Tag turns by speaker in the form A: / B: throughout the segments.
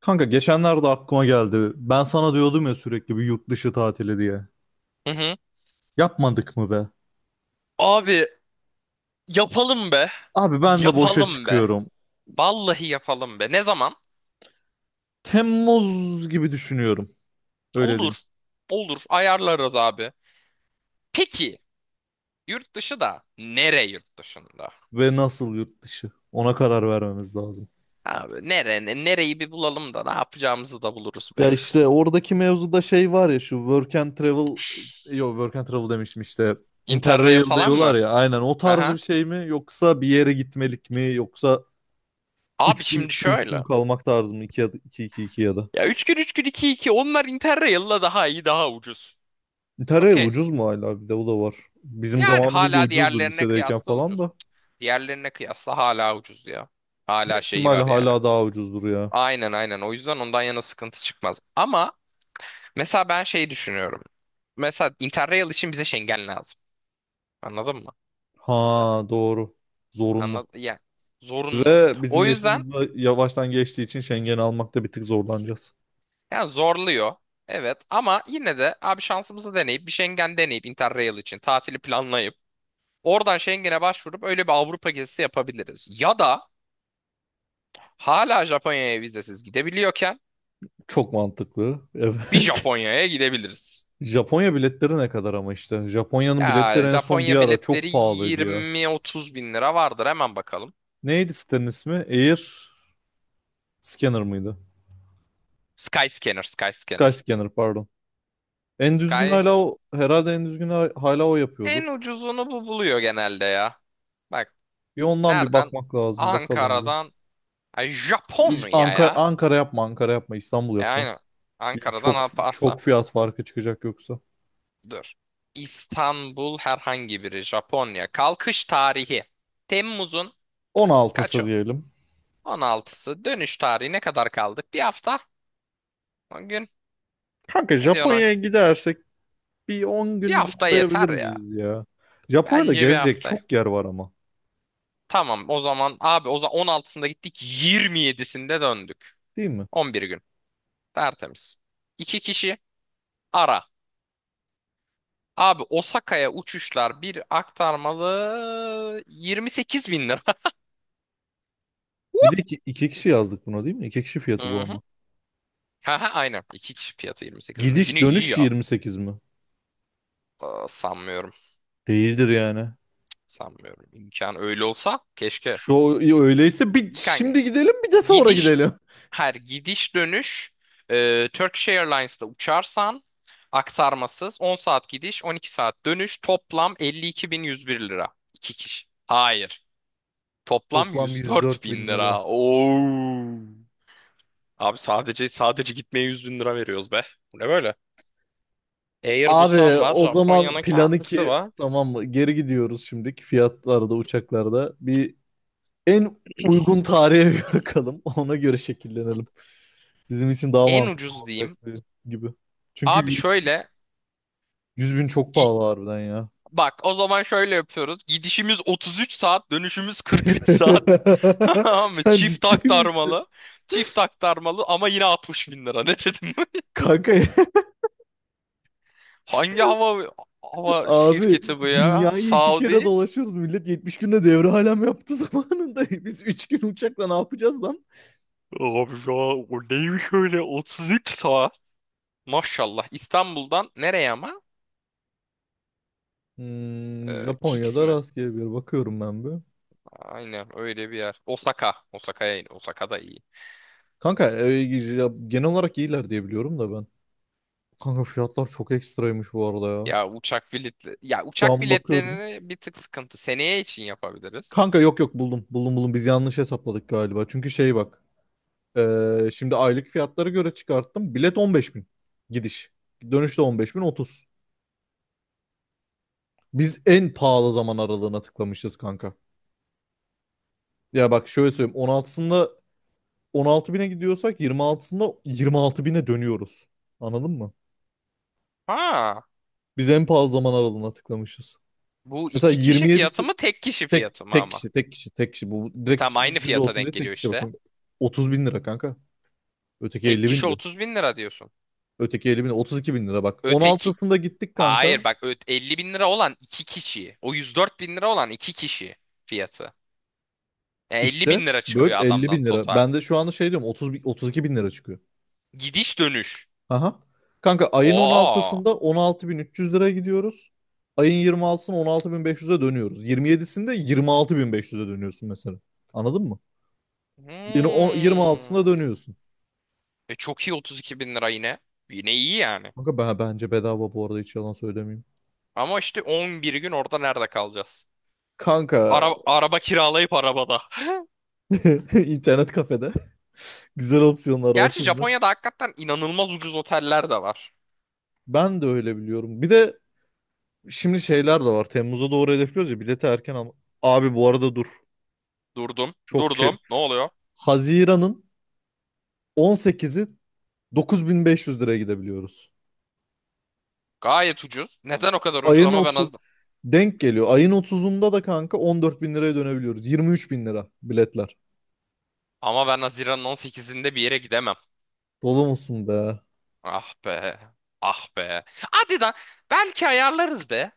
A: Kanka geçenlerde aklıma geldi. Ben sana diyordum ya, sürekli bir yurt dışı tatili diye.
B: Hı hı.
A: Yapmadık mı be?
B: Abi yapalım be.
A: Abi ben de boşa
B: Yapalım be.
A: çıkıyorum.
B: Vallahi yapalım be. Ne zaman?
A: Temmuz gibi düşünüyorum. Öyle
B: Olur.
A: diyeyim.
B: Olur. Ayarlarız abi. Peki, yurt dışı da yurt dışında?
A: Ve nasıl yurt dışı? Ona karar vermemiz lazım.
B: Abi, nereyi bir bulalım da ne yapacağımızı da buluruz be.
A: Ya işte oradaki mevzuda şey var ya, şu work and travel, yok, work and travel demiştim işte. Interrail
B: Interrail falan mı?
A: diyorlar ya, aynen o tarzı
B: Aha.
A: bir şey mi, yoksa bir yere gitmelik mi, yoksa
B: Abi
A: 3 gün
B: şimdi
A: 3 gün 3 gün
B: şöyle.
A: kalmak tarzı mı, 2 ya da 2 2 2 ya da...
B: Ya 3 gün 3 gün 2 2, onlar Interrail'la daha iyi, daha ucuz.
A: Tereyağlı
B: Okey.
A: ucuz mu hala, bir de o da var. Bizim
B: Yani
A: zamanımızda
B: hala
A: ucuzdu,
B: diğerlerine
A: lisedeyken
B: kıyasla
A: falan
B: ucuz.
A: da.
B: Diğerlerine kıyasla hala ucuz ya. Hala
A: Büyük
B: şeyi
A: ihtimalle
B: var yani.
A: hala daha ucuzdur ya.
B: Aynen aynen. O yüzden ondan yana sıkıntı çıkmaz. Ama mesela ben şey düşünüyorum. Mesela Interrail için bize Schengen lazım. Anladın mı? Mesela.
A: Ha, doğru. Zorunlu.
B: Yani zorunlu.
A: Ve bizim
B: O yüzden
A: yaşımızda yavaştan geçtiği için Schengen'i almakta bir tık zorlanacağız.
B: yani zorluyor. Evet, ama yine de abi şansımızı deneyip bir Schengen deneyip Interrail için tatili planlayıp oradan Schengen'e başvurup öyle bir Avrupa gezisi yapabiliriz. Ya da hala Japonya'ya vizesiz gidebiliyorken
A: Çok mantıklı.
B: bir
A: Evet.
B: Japonya'ya gidebiliriz.
A: Japonya biletleri ne kadar ama işte. Japonya'nın
B: Ya
A: biletleri en son
B: Japonya
A: bir ara
B: biletleri
A: çok pahalıydı ya.
B: 20-30 bin lira vardır. Hemen bakalım.
A: Neydi sitenin ismi? Air Scanner mıydı?
B: Skyscanner, Skyscanner.
A: Skyscanner, pardon. En düzgün hala
B: Skys
A: o, herhalde en düzgün hala o yapıyordur.
B: En ucuzunu bu buluyor genelde ya. Bak,
A: Bir ondan bir
B: nereden?
A: bakmak lazım, bakalım bir.
B: Ankara'dan. Ay, Japonya ya.
A: Ankara yapma, Ankara yapma, İstanbul
B: E
A: yap lan.
B: aynen. Ankara'dan
A: Çok
B: Asla.
A: çok fiyat farkı çıkacak yoksa.
B: Dur. İstanbul herhangi biri. Japonya. Kalkış tarihi. Temmuz'un
A: 16'sı
B: kaçı?
A: diyelim.
B: 16'sı. Dönüş tarihi ne kadar kaldık? Bir hafta. 10 gün.
A: Kanka
B: Ne diyorsun o?
A: Japonya'ya gidersek bir 10
B: Bir
A: gün
B: hafta yeter
A: zorlayabilir
B: ya.
A: miyiz ya? Japonya'da
B: Bence bir
A: gezecek
B: hafta.
A: çok yer var ama.
B: Tamam, o zaman abi, o zaman 16'sında gittik, 27'sinde döndük.
A: Değil mi?
B: 11 gün. Tertemiz. İki kişi ara. Abi, Osaka'ya uçuşlar bir aktarmalı, 28 bin lira.
A: Bir de iki kişi yazdık buna, değil mi? İki kişi fiyatı
B: Hı
A: bu
B: hı.
A: ama.
B: Ha, aynen. İki kişi fiyatı 28 bin lira.
A: Gidiş
B: Yine iyi
A: dönüş
B: ya.
A: 28 mi?
B: Aa, sanmıyorum.
A: Değildir yani.
B: Sanmıyorum. İmkan öyle olsa keşke.
A: Şu öyleyse, bir
B: Kanka,
A: şimdi gidelim, bir de sonra
B: Gidiş
A: gidelim.
B: her gidiş dönüş, Turkish Airlines'ta uçarsan aktarmasız 10 saat gidiş, 12 saat dönüş, toplam 52.101 lira. İki kişi. Hayır. Toplam
A: Toplam yüz
B: 104
A: dört
B: bin
A: bin lira.
B: lira. Oo. Abi, sadece gitmeye 100 bin lira veriyoruz be. Bu ne böyle? Air
A: Abi
B: Busan var.
A: o zaman
B: Japonya'nın
A: planı
B: kendisi
A: ki
B: var.
A: tamam mı? Geri gidiyoruz şimdiki fiyatlarda, uçaklarda. Bir en uygun tarihe bir bakalım. Ona göre şekillenelim. Bizim için daha
B: En
A: mantıklı
B: ucuz
A: olacak
B: diyeyim.
A: gibi. Çünkü
B: Abi şöyle
A: 100 bin çok pahalı harbiden ya.
B: Bak, o zaman şöyle yapıyoruz. Gidişimiz 33 saat, dönüşümüz 43 saat. Tamam mı?
A: Sen
B: Çift
A: ciddi misin?
B: aktarmalı. Çift aktarmalı ama yine 60 bin lira. Ne dedim?
A: Kanka,
B: Hangi hava
A: abi,
B: şirketi bu ya?
A: dünyayı 2 kere
B: Saudi?
A: dolaşıyoruz. Millet 70 günde devre alem yaptı zamanında. Biz 3 gün uçakla ne yapacağız lan?
B: Abi, ya o neymiş öyle 33 saat? Maşallah. İstanbul'dan nereye ama? Kix
A: Japonya'da
B: mi?
A: rastgele bir bakıyorum ben bir.
B: Aynen, öyle bir yer. Osaka. Osaka'ya in. Osaka da iyi.
A: Kanka ya genel olarak iyiler diye biliyorum da ben. Kanka fiyatlar çok ekstraymış bu arada ya. Şu
B: Uçak
A: an bakıyorum.
B: biletlerini bir tık sıkıntı. Seneye için yapabiliriz.
A: Kanka, yok yok, buldum. Buldum buldum. Biz yanlış hesapladık galiba. Çünkü şey, bak. Şimdi aylık fiyatlara göre çıkarttım. Bilet 15 bin. Gidiş. Dönüşte 15 bin 30. Biz en pahalı zaman aralığına tıklamışız kanka. Ya bak, şöyle söyleyeyim. 16'sında 16 bine gidiyorsak, 26'sında 26 bine dönüyoruz. Anladın mı?
B: Ha,
A: Biz en pahalı zaman aralığına tıklamışız.
B: bu
A: Mesela
B: iki kişi
A: 27,
B: fiyatı mı, tek kişi fiyatı
A: Tek
B: mı
A: tek
B: ama?
A: kişi tek kişi tek kişi bu
B: E tam
A: direkt
B: aynı
A: düz
B: fiyata
A: olsun
B: denk
A: diye tek
B: geliyor
A: kişi
B: işte.
A: bakın. 30 bin lira kanka. Öteki
B: Tek
A: 50
B: kişi
A: bindi.
B: 30 bin lira diyorsun.
A: Öteki 50 bin, 32 bin lira bak.
B: Öteki...
A: 16'sında gittik
B: Hayır,
A: kanka.
B: bak, 50 bin lira olan iki kişi. O 104 bin lira olan iki kişi fiyatı. Yani 50
A: İşte
B: bin lira
A: böl,
B: çıkıyor
A: 50
B: adamdan
A: bin lira.
B: total.
A: Ben de şu anda şey diyorum, 30, 32 bin lira çıkıyor.
B: Gidiş dönüş.
A: Aha. Kanka ayın
B: Oo.
A: 16'sında 16 bin 300 liraya gidiyoruz. Ayın 26'sında 16 bin 500'e dönüyoruz. 27'sinde 26 bin 500'e dönüyorsun mesela. Anladın mı? Yine
B: Hmm.
A: 26'sında dönüyorsun.
B: E çok iyi, 32 bin lira yine. Yine iyi yani.
A: Kanka, bence bedava bu arada, hiç yalan söylemeyeyim.
B: Ama işte 11 gün orada nerede kalacağız?
A: Kanka
B: Araba kiralayıp arabada.
A: İnternet kafede. Güzel opsiyonlar bak
B: Gerçi
A: bunlar.
B: Japonya'da hakikaten inanılmaz ucuz oteller de var.
A: Ben de öyle biliyorum. Bir de şimdi şeyler de var. Temmuz'a doğru hedefliyoruz ya bileti, erken ama. Abi bu arada dur.
B: Durdum,
A: Çok ke...
B: durdum. Ne oluyor?
A: Haziran'ın 18'i 9.500 liraya gidebiliyoruz.
B: Gayet ucuz. Neden o kadar ucuz?
A: Ayın 30 denk geliyor. Ayın 30'unda da kanka 14 bin liraya dönebiliyoruz. 23 bin lira biletler.
B: Ama ben Haziran'ın 18'inde bir yere gidemem.
A: Dolu musun be?
B: Ah be. Ah be. Hadi da belki ayarlarız be.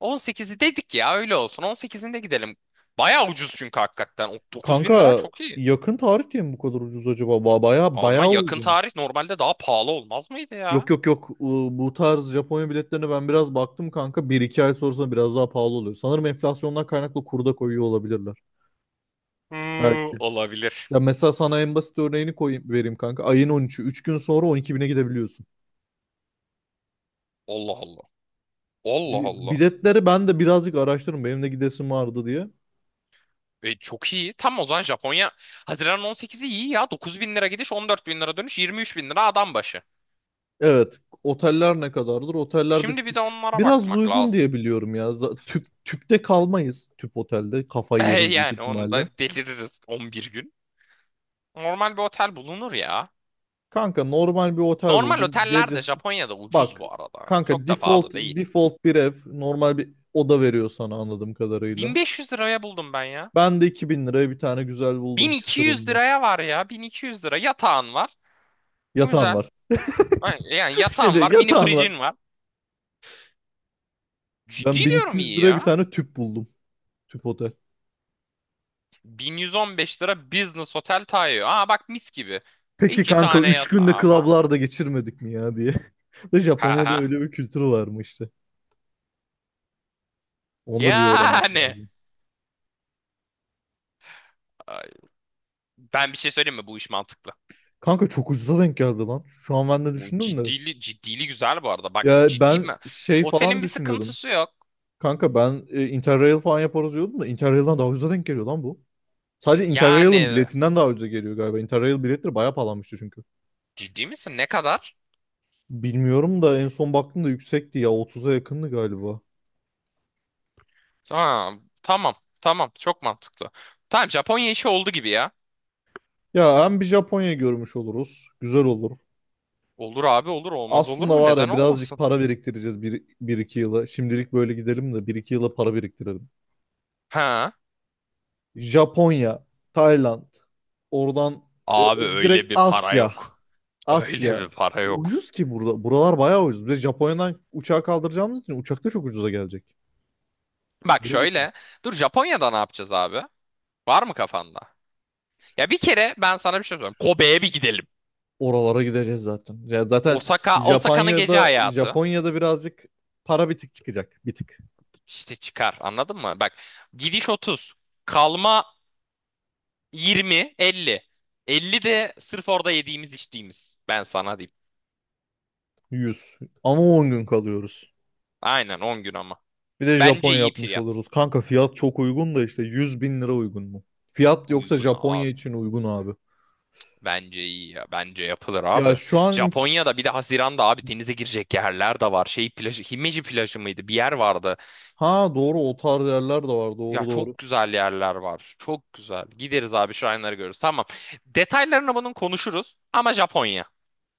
B: 18'i dedik ya, öyle olsun. 18'inde gidelim. Baya ucuz çünkü hakikaten. O 9 bin lira
A: Kanka
B: çok iyi.
A: yakın tarih diye mi bu kadar ucuz acaba? Baya
B: Ama
A: baya
B: yakın
A: uygun.
B: tarih normalde daha pahalı olmaz mıydı
A: Yok
B: ya?
A: yok yok, bu tarz Japonya biletlerine ben biraz baktım kanka. Bir iki ay sonrasında biraz daha pahalı oluyor. Sanırım enflasyondan kaynaklı kurda koyuyor olabilirler.
B: Hı,
A: Belki.
B: olabilir.
A: Ya mesela sana en basit örneğini koyayım, vereyim kanka. Ayın 13'ü, 3 gün sonra 12 bine gidebiliyorsun.
B: Allah Allah. Allah Allah.
A: Biletleri ben de birazcık araştırdım. Benim de gidesim vardı diye.
B: E, çok iyi. Tam o zaman Japonya Haziran 18'i iyi ya. 9 bin lira gidiş, 14 bin lira dönüş, 23 bin lira adam başı.
A: Evet. Oteller ne kadardır? Oteller, bir,
B: Şimdi bir de onlara
A: biraz
B: bakmak
A: uygun
B: lazım.
A: diye biliyorum ya. Tüpte kalmayız. Tüp otelde. Kafayı
B: E,
A: yeriz büyük
B: yani onu
A: ihtimalle.
B: da deliririz 11 gün. Normal bir otel bulunur ya.
A: Kanka normal bir otel
B: Normal
A: buldum.
B: oteller de
A: Gecesi
B: Japonya'da ucuz
A: bak
B: bu arada.
A: kanka,
B: Çok da
A: default
B: pahalı değil.
A: default bir ev, normal bir oda veriyor sana anladığım kadarıyla.
B: 1500 liraya buldum ben ya.
A: Ben de 2 bin liraya bir tane güzel buldum
B: 1200
A: çıtırında.
B: liraya var ya. 1200 lira. Yatağın var.
A: Yatağın
B: Güzel.
A: var.
B: Ay, yani
A: Şey
B: yatağın
A: diyor,
B: var. Mini
A: yatağın var.
B: fricin var. Ciddi
A: Ben bin iki
B: diyorum,
A: yüz
B: iyi
A: liraya bir
B: ya.
A: tane tüp buldum. Tüp otel.
B: 1115 lira Business Hotel Taiyo. Aa, bak, mis gibi.
A: Peki
B: İki
A: kanka,
B: tane
A: 3 günde
B: yatağı var.
A: klablarda geçirmedik mi ya diye. De
B: Ha
A: Japonya'da
B: ha.
A: öyle bir kültürü var mı işte. Onu da bir öğrenmek
B: Yani.
A: lazım.
B: Ay, ben bir şey söyleyeyim mi? Bu iş mantıklı.
A: Kanka çok ucuza denk geldi lan. Şu an ben de
B: Bu
A: düşündüm de.
B: ciddili güzel bu arada. Bak,
A: Ya
B: ciddi
A: ben
B: mi?
A: şey falan
B: Otelin bir
A: düşünüyordum.
B: sıkıntısı yok.
A: Kanka ben Interrail falan yaparız diyordum da, Interrail'den daha ucuza denk geliyor lan bu. Sadece Interrail'in
B: Yani,
A: biletinden daha ucuza geliyor galiba. Interrail biletleri bayağı pahalanmıştı çünkü.
B: ciddi misin? Ne kadar?
A: Bilmiyorum da en son baktığımda yüksekti ya, 30'a yakındı galiba.
B: Ha, tamam. Tamam. Çok mantıklı. Tamam, Japonya işi oldu gibi ya.
A: Ya hem bir Japonya görmüş oluruz. Güzel olur.
B: Olur abi, olur. Olmaz olur
A: Aslında
B: mu?
A: var
B: Neden
A: ya, birazcık
B: olmasın?
A: para biriktireceğiz bir iki yıla. Şimdilik böyle gidelim de bir iki yıla para biriktirelim.
B: Ha.
A: Japonya, Tayland, oradan
B: Abi, öyle
A: direkt
B: bir para
A: Asya.
B: yok. Öyle bir
A: Asya.
B: para yok.
A: Ucuz ki burada. Buralar bayağı ucuz. Bir de Japonya'dan uçağa kaldıracağımız için uçak da çok ucuza gelecek.
B: Bak
A: Öyle düşün.
B: şöyle. Dur, Japonya'da ne yapacağız abi? Var mı kafanda? Ya bir kere ben sana bir şey söyleyeyim. Kobe'ye bir gidelim.
A: Oralara gideceğiz zaten. Ya zaten
B: Osaka'nın gece
A: Japonya'da
B: hayatı.
A: Japonya'da birazcık para bir tık çıkacak. Bir tık.
B: İşte çıkar, anladın mı? Bak, gidiş 30. Kalma 20, 50. 50 de sırf orada yediğimiz içtiğimiz. Ben sana diyeyim.
A: 100. Ama 10 gün kalıyoruz.
B: Aynen, 10 gün ama.
A: Bir de
B: Bence
A: Japon
B: iyi
A: yapmış
B: fiyat.
A: oluruz. Kanka fiyat çok uygun da işte, 100 bin lira uygun mu? Fiyat yoksa
B: Uygun
A: Japonya
B: abi.
A: için uygun abi.
B: Bence iyi ya. Bence yapılır
A: Ya
B: abi.
A: şu an,
B: Japonya'da bir de Haziran'da abi denize girecek yerler de var. Şey plajı, Himeji plajı mıydı? Bir yer vardı.
A: ha doğru, o tarz yerler de var,
B: Ya
A: doğru doğru.
B: çok güzel yerler var. Çok güzel. Gideriz abi, şuraları görürüz. Tamam. Detaylarını bunun konuşuruz. Ama Japonya.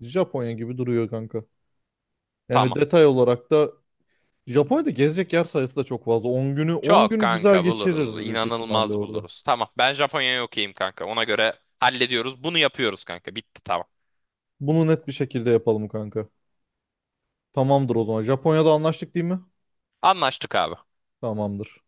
A: Japonya gibi duruyor kanka. Yani
B: Tamam.
A: detay olarak da Japonya'da gezecek yer sayısı da çok fazla. 10 günü 10
B: Çok
A: günü güzel
B: kanka buluruz.
A: geçiririz büyük ihtimalle
B: İnanılmaz
A: orada.
B: buluruz. Tamam. Ben Japonya'ya okeyim kanka. Ona göre hallediyoruz. Bunu yapıyoruz kanka. Bitti tamam.
A: Bunu net bir şekilde yapalım kanka. Tamamdır o zaman. Japonya'da anlaştık değil mi?
B: Anlaştık abi.
A: Tamamdır.